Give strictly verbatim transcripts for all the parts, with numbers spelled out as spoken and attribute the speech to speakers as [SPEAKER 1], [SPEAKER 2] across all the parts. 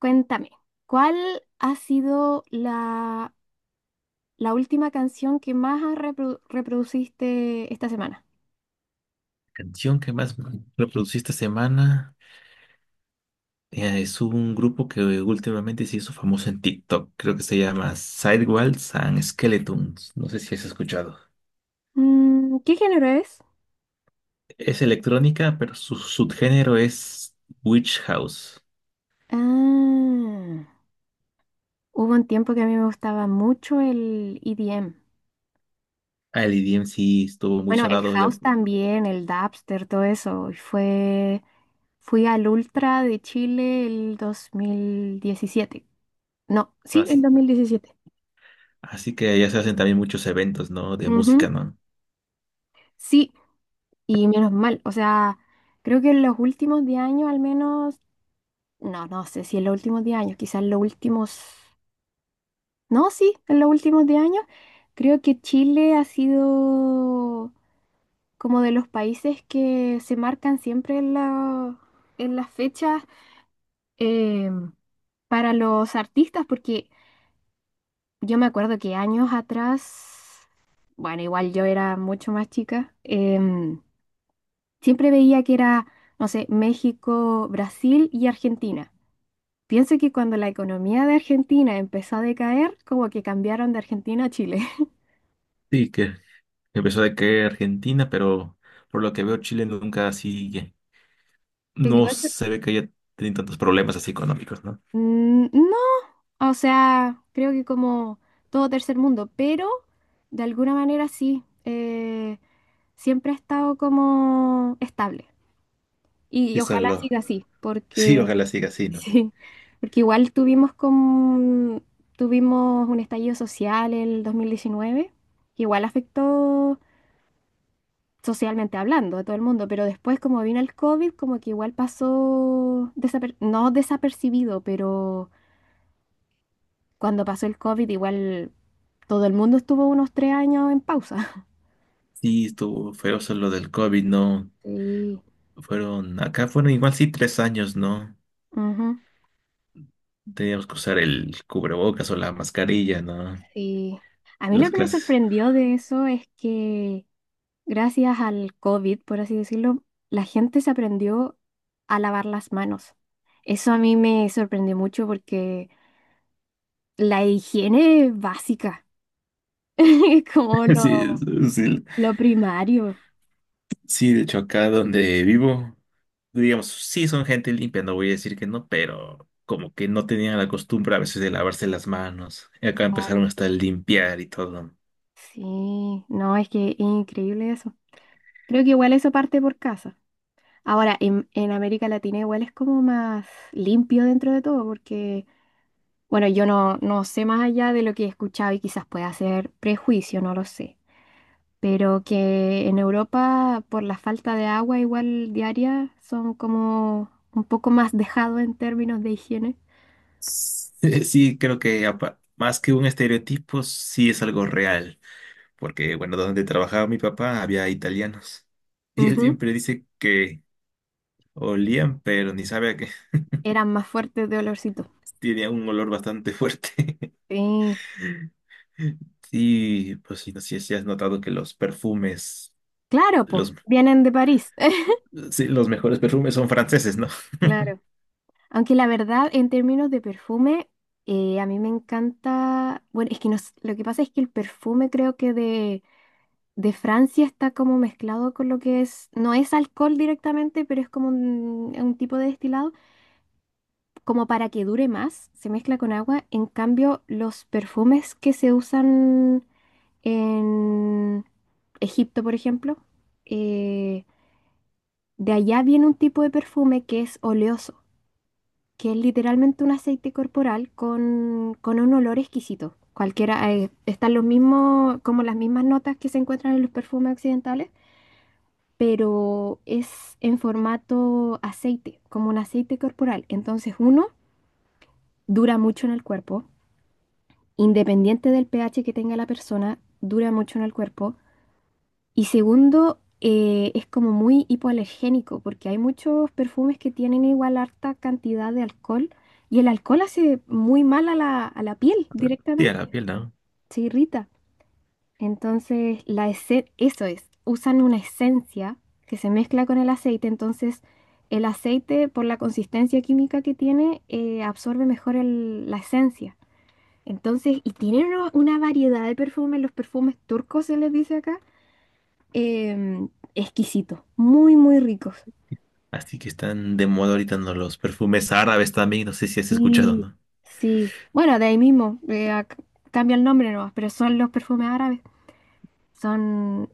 [SPEAKER 1] Cuéntame, ¿cuál ha sido la, la última canción que más has reprodu- reproduciste esta semana?
[SPEAKER 2] Canción que más reproducí esta semana eh, es un grupo que últimamente se hizo famoso en TikTok. Creo que se llama Sidewalls and Skeletons. No sé si has escuchado.
[SPEAKER 1] Mm, ¿qué género es?
[SPEAKER 2] Es electrónica, pero su subgénero es Witch House.
[SPEAKER 1] Ah, Hubo un tiempo que a mí me gustaba mucho el E D M.
[SPEAKER 2] El E D M sí estuvo muy
[SPEAKER 1] Bueno, el
[SPEAKER 2] sonado ya,
[SPEAKER 1] house también, el dubstep, todo eso. Y Fue, fui al Ultra de Chile el dos mil diecisiete. No, sí, el
[SPEAKER 2] así.
[SPEAKER 1] dos mil diecisiete.
[SPEAKER 2] Así que ya se hacen también muchos eventos, ¿no? De música,
[SPEAKER 1] Ujú.
[SPEAKER 2] ¿no?
[SPEAKER 1] Sí, y menos mal, o sea, creo que en los últimos diez años al menos, no, no sé si en los últimos diez años, quizás en los últimos, no, sí, en los últimos diez años, creo que Chile ha sido como de los países que se marcan siempre en la- en las fechas eh, para los artistas, porque yo me acuerdo que años atrás, bueno, igual yo era mucho más chica. em, Siempre veía que era, no sé, México, Brasil y Argentina. Pienso que cuando la economía de Argentina empezó a decaer, como que cambiaron de Argentina a Chile.
[SPEAKER 2] Sí, que empezó de que Argentina, pero por lo que veo Chile nunca así,
[SPEAKER 1] Lo que
[SPEAKER 2] no
[SPEAKER 1] pasa,
[SPEAKER 2] se ve que haya tenido tantos problemas así económicos, no.
[SPEAKER 1] mm, no, o sea, creo que como todo tercer mundo, pero de alguna manera sí, eh, siempre ha estado como estable. Y, y
[SPEAKER 2] Sí,
[SPEAKER 1] ojalá
[SPEAKER 2] solo.
[SPEAKER 1] siga así,
[SPEAKER 2] Sí,
[SPEAKER 1] porque
[SPEAKER 2] ojalá siga así, ¿no?
[SPEAKER 1] sí, porque igual tuvimos con, tuvimos un estallido social el dos mil diecinueve, que igual afectó socialmente hablando a todo el mundo, pero después como vino el COVID, como que igual pasó, desaper- no desapercibido, pero cuando pasó el COVID igual todo el mundo estuvo unos tres años en pausa.
[SPEAKER 2] Sí, estuvo feroz lo del COVID, ¿no?
[SPEAKER 1] Sí,
[SPEAKER 2] Fueron, acá fueron igual sí tres años, ¿no?
[SPEAKER 1] ujú,
[SPEAKER 2] Teníamos que usar el cubrebocas o la mascarilla, ¿no?
[SPEAKER 1] sí. A mí lo
[SPEAKER 2] Las
[SPEAKER 1] que me
[SPEAKER 2] clases.
[SPEAKER 1] sorprendió de eso es que gracias al COVID, por así decirlo, la gente se aprendió a lavar las manos. Eso a mí me sorprendió mucho porque la higiene es básica, es como
[SPEAKER 2] Sí,
[SPEAKER 1] lo,
[SPEAKER 2] sí,
[SPEAKER 1] lo primario.
[SPEAKER 2] sí, de hecho acá donde vivo, digamos, sí son gente limpia, no voy a decir que no, pero como que no tenían la costumbre a veces de lavarse las manos. Y acá
[SPEAKER 1] Claro.
[SPEAKER 2] empezaron hasta a limpiar y todo.
[SPEAKER 1] Sí, no, es que es increíble eso. Creo que igual eso parte por casa. Ahora, en, en América Latina igual es como más limpio dentro de todo porque, bueno, yo no, no sé más allá de lo que he escuchado y quizás pueda ser prejuicio, no lo sé. Pero que en Europa por la falta de agua igual diaria son como un poco más dejados en términos de higiene.
[SPEAKER 2] Sí, sí, creo que apa- más que un estereotipo, sí es algo real, porque bueno, donde trabajaba mi papá había italianos y él
[SPEAKER 1] Ujú.
[SPEAKER 2] siempre dice que olían, pero ni sabe a qué,
[SPEAKER 1] Eran más fuertes de olorcito.
[SPEAKER 2] tenía un olor bastante fuerte.
[SPEAKER 1] Sí,
[SPEAKER 2] Y pues sí, no sé si has notado que los perfumes,
[SPEAKER 1] claro, pues,
[SPEAKER 2] los,
[SPEAKER 1] vienen de París.
[SPEAKER 2] sí, los mejores perfumes son franceses, ¿no?
[SPEAKER 1] Claro. Aunque la verdad, en términos de perfume, eh, a mí me encanta. Bueno, es que no s- lo que pasa es que el perfume creo que de, de Francia está como mezclado con lo que es. No es alcohol directamente, pero es como un, un tipo de destilado, como para que dure más, se mezcla con agua. En cambio, los perfumes que se usan en Egipto, por ejemplo, eh, de allá viene un tipo de perfume que es oleoso, que es literalmente un aceite corporal con, con un olor exquisito. Cualquiera, eh, están los mismos, como las mismas notas que se encuentran en los perfumes occidentales, pero es en formato aceite, como un aceite corporal. Entonces, uno, dura mucho en el cuerpo, independiente del pH que tenga la persona, dura mucho en el cuerpo. Y segundo, eh, es como muy hipoalergénico, porque hay muchos perfumes que tienen igual harta cantidad de alcohol, y el alcohol hace muy mal a la, a la piel
[SPEAKER 2] Sí, a
[SPEAKER 1] directamente,
[SPEAKER 2] la piel, ¿no?
[SPEAKER 1] se irrita. Entonces, la ese- eso es, usan una esencia que se mezcla con el aceite, entonces el aceite, por la consistencia química que tiene, eh, absorbe mejor el- la esencia. Entonces, y tienen una, una variedad de perfumes, los perfumes turcos se les dice acá, em, exquisitos, muy, muy ricos.
[SPEAKER 2] Así que están de moda ahorita, ¿no? Los perfumes árabes también, no sé si has escuchado,
[SPEAKER 1] Sí,
[SPEAKER 2] ¿no?
[SPEAKER 1] sí, bueno, de ahí mismo, eh, ac- cambia el nombre nomás, pero son los perfumes árabes, son,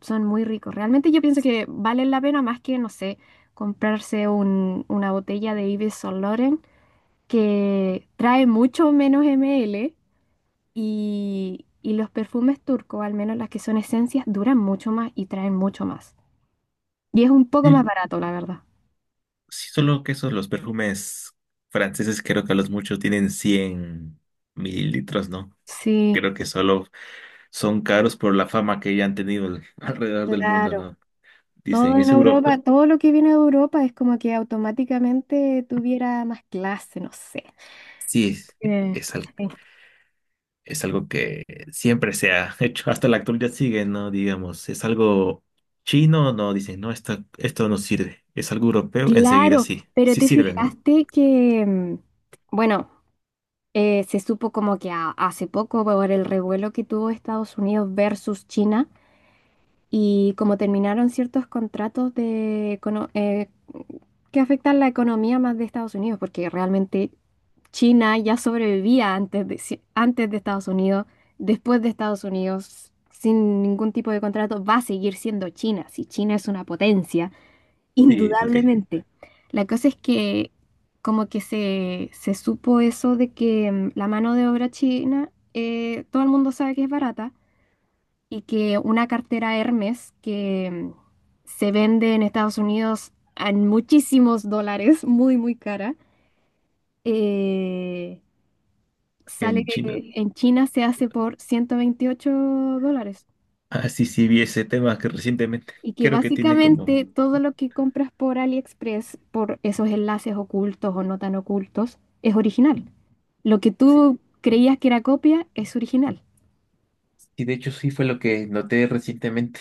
[SPEAKER 1] son muy ricos. Realmente yo pienso que valen la pena más que, no sé, comprarse un- una botella de Yves Saint Laurent que trae mucho menos ml. Y, y los perfumes turcos, al menos las que son esencias, duran mucho más y traen mucho más. Y es un poco más barato, la verdad.
[SPEAKER 2] Sí, solo que esos los perfumes franceses creo que a los muchos tienen cien mililitros, ¿no?
[SPEAKER 1] Sí,
[SPEAKER 2] Creo que solo son caros por la fama que ya han tenido al- alrededor del mundo,
[SPEAKER 1] claro.
[SPEAKER 2] ¿no?
[SPEAKER 1] Todo
[SPEAKER 2] Dicen,
[SPEAKER 1] en
[SPEAKER 2] es
[SPEAKER 1] Europa,
[SPEAKER 2] Europa.
[SPEAKER 1] todo lo que viene de Europa es como que automáticamente tuviera más clase, no sé.
[SPEAKER 2] Sí, es,
[SPEAKER 1] Eh,
[SPEAKER 2] es al-
[SPEAKER 1] eh,
[SPEAKER 2] es algo que siempre se ha hecho, hasta la actualidad sigue, ¿no? Digamos, es algo chino, no, dicen, no, esto, esto no sirve. Es algo europeo, enseguida
[SPEAKER 1] Claro,
[SPEAKER 2] sí,
[SPEAKER 1] pero
[SPEAKER 2] sí
[SPEAKER 1] te
[SPEAKER 2] sirve, ¿no?
[SPEAKER 1] fijaste que, mm, bueno, eh, se supo como que a- hace poco por el revuelo que tuvo Estados Unidos versus China, y como terminaron ciertos contratos de, econo- eh, que afectan la economía más de Estados Unidos, porque realmente China ya sobrevivía antes de, si- antes de Estados Unidos, después de Estados Unidos, sin ningún tipo de contrato, va a seguir siendo China, si China es una potencia,
[SPEAKER 2] Sí, lo que
[SPEAKER 1] indudablemente. La cosa es que como que se, se supo eso de que mm, la mano de obra china, eh, todo el mundo sabe que es barata y que una cartera Hermes que mm, se vende en Estados Unidos en muchísimos dólares, muy, muy cara, eh, sale
[SPEAKER 2] en China.
[SPEAKER 1] que en China se hace por ciento veintiocho dólares.
[SPEAKER 2] Ah, sí, sí, vi ese tema que recientemente
[SPEAKER 1] Y que
[SPEAKER 2] creo que tiene
[SPEAKER 1] básicamente
[SPEAKER 2] como...
[SPEAKER 1] todo lo que compras por AliExpress, por esos enlaces ocultos o no tan ocultos, es original. Lo que tú creías que era copia es original.
[SPEAKER 2] Y de hecho sí fue lo que noté recientemente,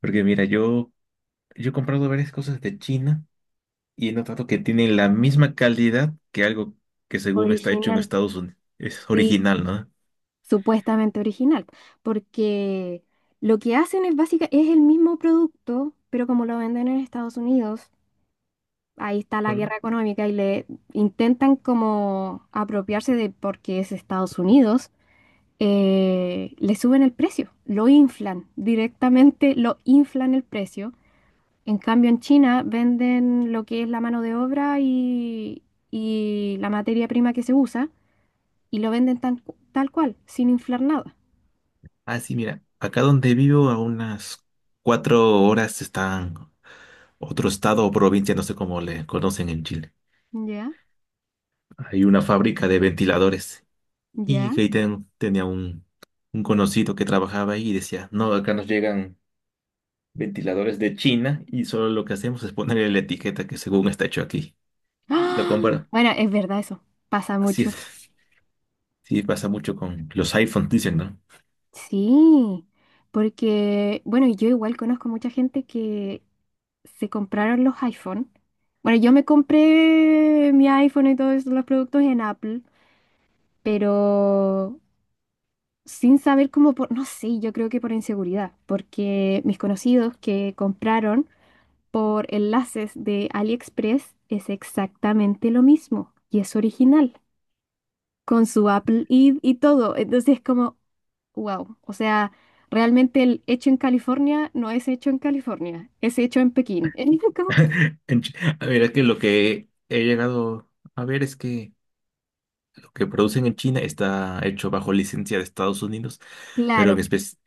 [SPEAKER 2] porque mira, yo, yo he comprado varias cosas de China y he notado que tienen la misma calidad que algo que según está hecho en
[SPEAKER 1] Original,
[SPEAKER 2] Estados Unidos, es
[SPEAKER 1] sí,
[SPEAKER 2] original, ¿no?
[SPEAKER 1] supuestamente original, porque lo que hacen es básica, es el mismo producto, pero como lo venden en Estados Unidos, ahí está la
[SPEAKER 2] Solo-
[SPEAKER 1] guerra económica y le intentan como apropiarse de porque es Estados Unidos, eh, le suben el precio, lo inflan, directamente lo inflan el precio. En cambio, en China venden lo que es la mano de obra y, y la materia prima que se usa y lo venden tan- tal cual, sin inflar nada.
[SPEAKER 2] Ah, sí, mira, acá donde vivo a unas cuatro horas están otro estado o provincia, no sé cómo le conocen en Chile.
[SPEAKER 1] ¿Ya?
[SPEAKER 2] Hay una fábrica de ventiladores y
[SPEAKER 1] ¿Ya?
[SPEAKER 2] que ahí ten- tenía un, un conocido que trabajaba ahí y decía, no, acá nos llegan ventiladores de China y solo lo que hacemos es ponerle la etiqueta que según está hecho aquí. Lo
[SPEAKER 1] ¡Ah!
[SPEAKER 2] comparo.
[SPEAKER 1] Bueno, es verdad eso, pasa
[SPEAKER 2] Así
[SPEAKER 1] mucho.
[SPEAKER 2] es. Sí pasa mucho con los iPhones, dicen, ¿no?
[SPEAKER 1] Sí, porque, bueno, yo igual conozco mucha gente que se compraron los iPhone. Bueno, yo me compré mi iPhone y todos los productos en Apple, pero sin saber cómo, por, no sé, yo creo que por inseguridad, porque mis conocidos que compraron por enlaces de AliExpress es exactamente lo mismo y es original, con su Apple I D y todo. Entonces es como, wow. O sea, realmente el hecho en California no es hecho en California, es hecho en Pekín. Es como,
[SPEAKER 2] En Chi- A ver, es que lo que he llegado a ver es que lo que producen en China está hecho bajo licencia de Estados Unidos, pero en
[SPEAKER 1] claro,
[SPEAKER 2] espe-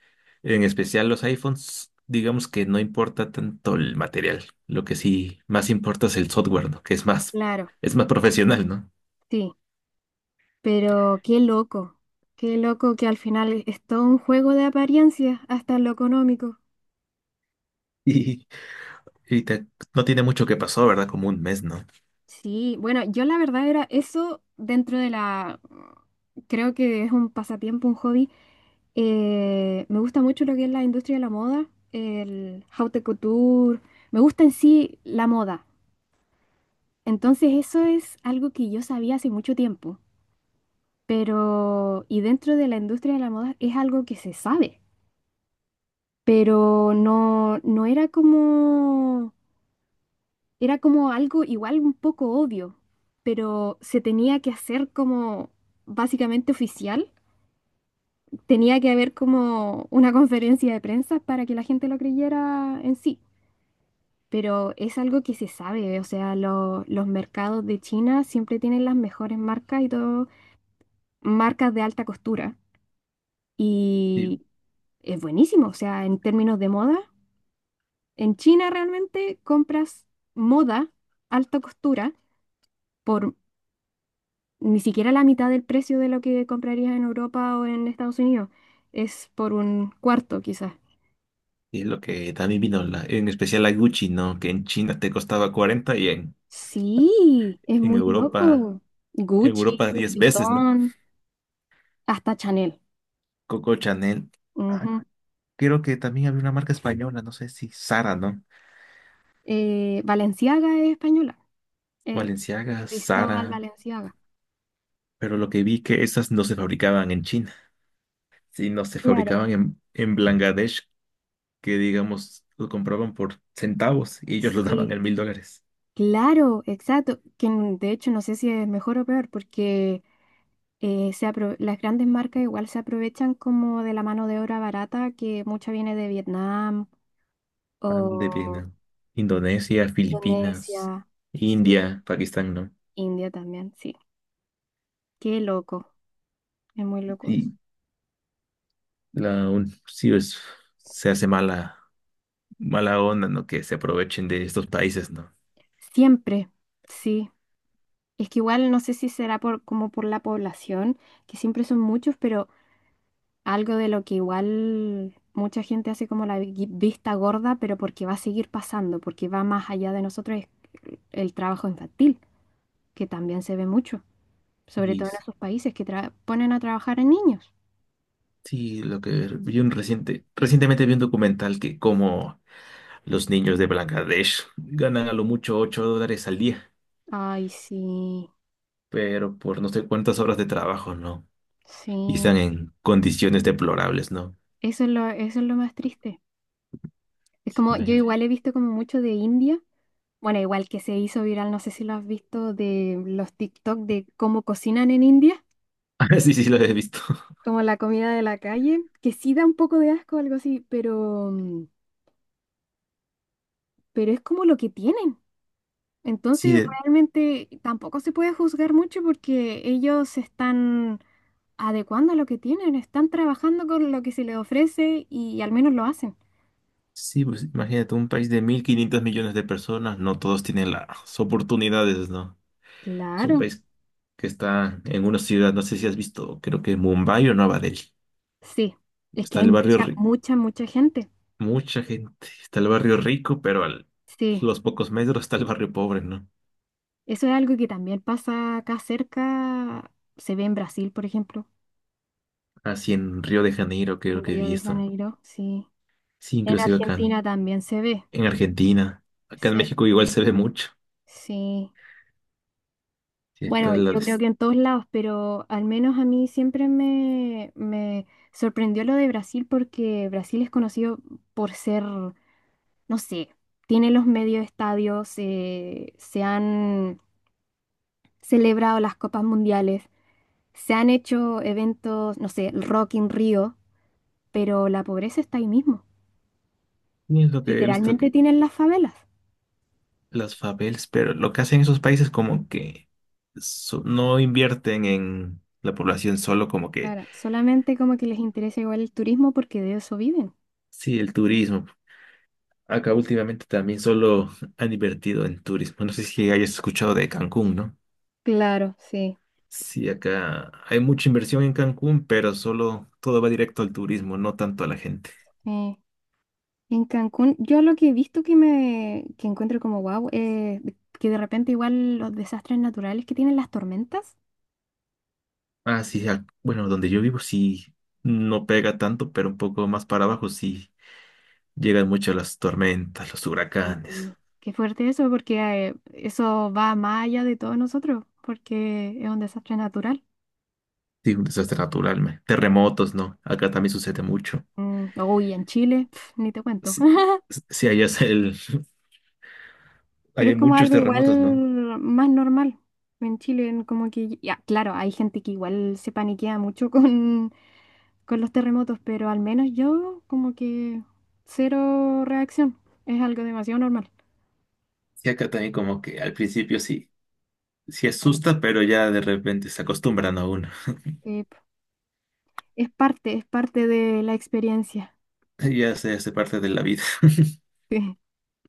[SPEAKER 2] en especial los iPhones, digamos que no importa tanto el material. Lo que sí más importa es el software, ¿no? Que es más,
[SPEAKER 1] claro,
[SPEAKER 2] es más profesional, ¿no?
[SPEAKER 1] sí. Pero qué loco, qué loco que al final es es todo un juego de apariencias, hasta en lo económico.
[SPEAKER 2] Y te- no tiene mucho que pasó, ¿verdad? Como un mes, ¿no?
[SPEAKER 1] Sí, bueno, yo la verdad era eso dentro de la... Creo que es un pasatiempo, un hobby. Eh, me gusta mucho lo que es la industria de la moda, el haute couture. Me gusta en sí la moda. Entonces eso es algo que yo sabía hace mucho tiempo. Pero, y dentro de la industria de la moda es algo que se sabe. Pero no, no era como, era como algo igual un poco obvio. Pero se tenía que hacer como básicamente oficial. Tenía que haber como una conferencia de prensa para que la gente lo creyera en sí. Pero es algo que se sabe, o sea, lo- los mercados de China siempre tienen las mejores marcas y todo, marcas de alta costura.
[SPEAKER 2] Y,
[SPEAKER 1] Y es buenísimo, o sea, en términos de moda, en China realmente compras moda, alta costura, por ni siquiera la mitad del precio de lo que comprarías en Europa o en Estados Unidos. Es por un cuarto, quizás.
[SPEAKER 2] y lo que también vino, la- en especial la Gucci, ¿no? Que en China te costaba cuarenta y en,
[SPEAKER 1] Sí, es
[SPEAKER 2] en
[SPEAKER 1] muy
[SPEAKER 2] Europa,
[SPEAKER 1] loco.
[SPEAKER 2] en
[SPEAKER 1] Gucci,
[SPEAKER 2] Europa
[SPEAKER 1] Louis
[SPEAKER 2] diez veces, ¿no?
[SPEAKER 1] Vuitton, hasta Chanel.
[SPEAKER 2] Coco Chanel. Ah,
[SPEAKER 1] Ujú.
[SPEAKER 2] creo que también había una marca española, no sé si Zara, ¿no?
[SPEAKER 1] Eh, Valenciaga es española. Eh,
[SPEAKER 2] Valenciaga,
[SPEAKER 1] Cristóbal
[SPEAKER 2] Zara.
[SPEAKER 1] Valenciaga.
[SPEAKER 2] Pero lo que vi que esas no se fabricaban en China, sino se
[SPEAKER 1] Claro,
[SPEAKER 2] fabricaban en, en Bangladesh, que digamos, lo compraban por centavos y ellos lo daban
[SPEAKER 1] sí.
[SPEAKER 2] en mil dólares.
[SPEAKER 1] Claro, exacto. Que n- de hecho no sé si es mejor o peor, porque eh, se apro- las grandes marcas igual se aprovechan como de la mano de obra barata, que mucha viene de Vietnam
[SPEAKER 2] Mal de
[SPEAKER 1] o
[SPEAKER 2] Vietnam, Indonesia, Filipinas,
[SPEAKER 1] Indonesia. Sí.
[SPEAKER 2] India, Pakistán, ¿no?
[SPEAKER 1] India también, sí. Qué loco. Es muy loco eso.
[SPEAKER 2] Sí, la un, sí es, se hace mala, mala onda, ¿no? Que se aprovechen de estos países, ¿no?
[SPEAKER 1] Siempre, sí. Es que igual no sé si será por, como por la población, que siempre son muchos, pero algo de lo que igual mucha gente hace como la vi- vista gorda, pero porque va a seguir pasando, porque va más allá de nosotros, es el trabajo infantil, que también se ve mucho, sobre
[SPEAKER 2] Y
[SPEAKER 1] todo en
[SPEAKER 2] s-
[SPEAKER 1] esos países que tra- ponen a trabajar a niños.
[SPEAKER 2] sí, lo que vi un reciente, recientemente vi un documental que como los niños de Bangladesh ganan a lo mucho ocho dólares al día,
[SPEAKER 1] Ay, sí,
[SPEAKER 2] pero por no sé cuántas horas de trabajo, ¿no?
[SPEAKER 1] sí,
[SPEAKER 2] Y están en condiciones deplorables, ¿no?
[SPEAKER 1] eso es lo, eso es lo más triste. Es
[SPEAKER 2] Sí,
[SPEAKER 1] como, yo
[SPEAKER 2] imagínate.
[SPEAKER 1] igual he visto como mucho de India, bueno, igual que se hizo viral, no sé si lo has visto, de los TikTok de cómo cocinan en India,
[SPEAKER 2] Ah, sí, sí, lo he visto.
[SPEAKER 1] como la comida de la calle, que sí da un poco de asco, algo así, pero, mm, pero es como lo que tienen.
[SPEAKER 2] Sí,
[SPEAKER 1] Entonces,
[SPEAKER 2] de-
[SPEAKER 1] realmente tampoco se puede juzgar mucho porque ellos se están adecuando a lo que tienen, están trabajando con lo que se les ofrece y, al menos lo hacen.
[SPEAKER 2] Sí, pues imagínate, un país de mil quinientos millones de personas, no todos tienen las oportunidades, ¿no? Es un
[SPEAKER 1] Claro,
[SPEAKER 2] país que está en una ciudad, no sé si has visto, creo que Mumbai o Nueva Delhi.
[SPEAKER 1] sí, es que
[SPEAKER 2] Está
[SPEAKER 1] hay
[SPEAKER 2] el barrio
[SPEAKER 1] mucha,
[SPEAKER 2] rico,
[SPEAKER 1] mucha, mucha gente.
[SPEAKER 2] mucha gente, está el barrio rico, pero a
[SPEAKER 1] Sí,
[SPEAKER 2] los pocos metros está el barrio pobre, ¿no?
[SPEAKER 1] eso es algo que también pasa acá cerca, se ve en Brasil, por ejemplo,
[SPEAKER 2] Así en Río de Janeiro
[SPEAKER 1] en
[SPEAKER 2] creo que
[SPEAKER 1] Río
[SPEAKER 2] vi
[SPEAKER 1] de
[SPEAKER 2] esto.
[SPEAKER 1] Janeiro, sí.
[SPEAKER 2] Sí,
[SPEAKER 1] En
[SPEAKER 2] inclusive acá en
[SPEAKER 1] Argentina también se ve.
[SPEAKER 2] en Argentina, acá en
[SPEAKER 1] Sí.
[SPEAKER 2] México igual se ve mucho.
[SPEAKER 1] Sí,
[SPEAKER 2] Sí, está
[SPEAKER 1] bueno,
[SPEAKER 2] la
[SPEAKER 1] yo creo
[SPEAKER 2] des-
[SPEAKER 1] que en todos lados, pero al menos a mí siempre me, me sorprendió lo de Brasil porque Brasil es conocido por ser, no sé, tiene los medios estadios, eh, se han celebrado las copas mundiales, se han hecho eventos, no sé, el Rock in Rio, pero la pobreza está ahí mismo.
[SPEAKER 2] y es lo que he visto.
[SPEAKER 1] Literalmente tienen las favelas.
[SPEAKER 2] Las favelas, pero lo que hacen esos países como que so- no invierten en la población solo como que,
[SPEAKER 1] Claro, solamente como que les interesa igual el turismo porque de eso viven.
[SPEAKER 2] sí, el turismo. Acá últimamente también solo han invertido en turismo. No sé si hayas escuchado de Cancún, ¿no?
[SPEAKER 1] Claro, sí.
[SPEAKER 2] Sí, acá hay mucha inversión en Cancún, pero solo todo va directo al turismo, no tanto a la gente.
[SPEAKER 1] Sí. En Cancún, yo lo que he visto que me que encuentro como wow, eh, de- que de repente igual los desastres naturales que tienen las tormentas,
[SPEAKER 2] Ah, sí, ac- bueno, donde yo vivo sí no pega tanto, pero un poco más para abajo sí llegan mucho las tormentas, los
[SPEAKER 1] y,
[SPEAKER 2] huracanes.
[SPEAKER 1] y qué fuerte eso, porque eh, eso va más allá de todos nosotros, porque es un desastre natural.
[SPEAKER 2] Sí, un desastre natural, me. Terremotos, ¿no? Acá también sucede mucho.
[SPEAKER 1] Mm, uy, en Chile, pf, ni te cuento.
[SPEAKER 2] Sí, sí, allá es el... allá
[SPEAKER 1] Pero
[SPEAKER 2] hay
[SPEAKER 1] es como
[SPEAKER 2] muchos
[SPEAKER 1] algo
[SPEAKER 2] terremotos, ¿no?
[SPEAKER 1] igual más normal en Chile, en como que, ya, claro, hay gente que igual se paniquea mucho con, con los terremotos, pero al menos yo como que cero reacción. Es algo demasiado normal.
[SPEAKER 2] Sí, acá también como que al principio sí, sí asusta, pero ya de repente se acostumbran a uno.
[SPEAKER 1] Eh, es parte, es parte de la experiencia.
[SPEAKER 2] Ya se hace parte de la vida.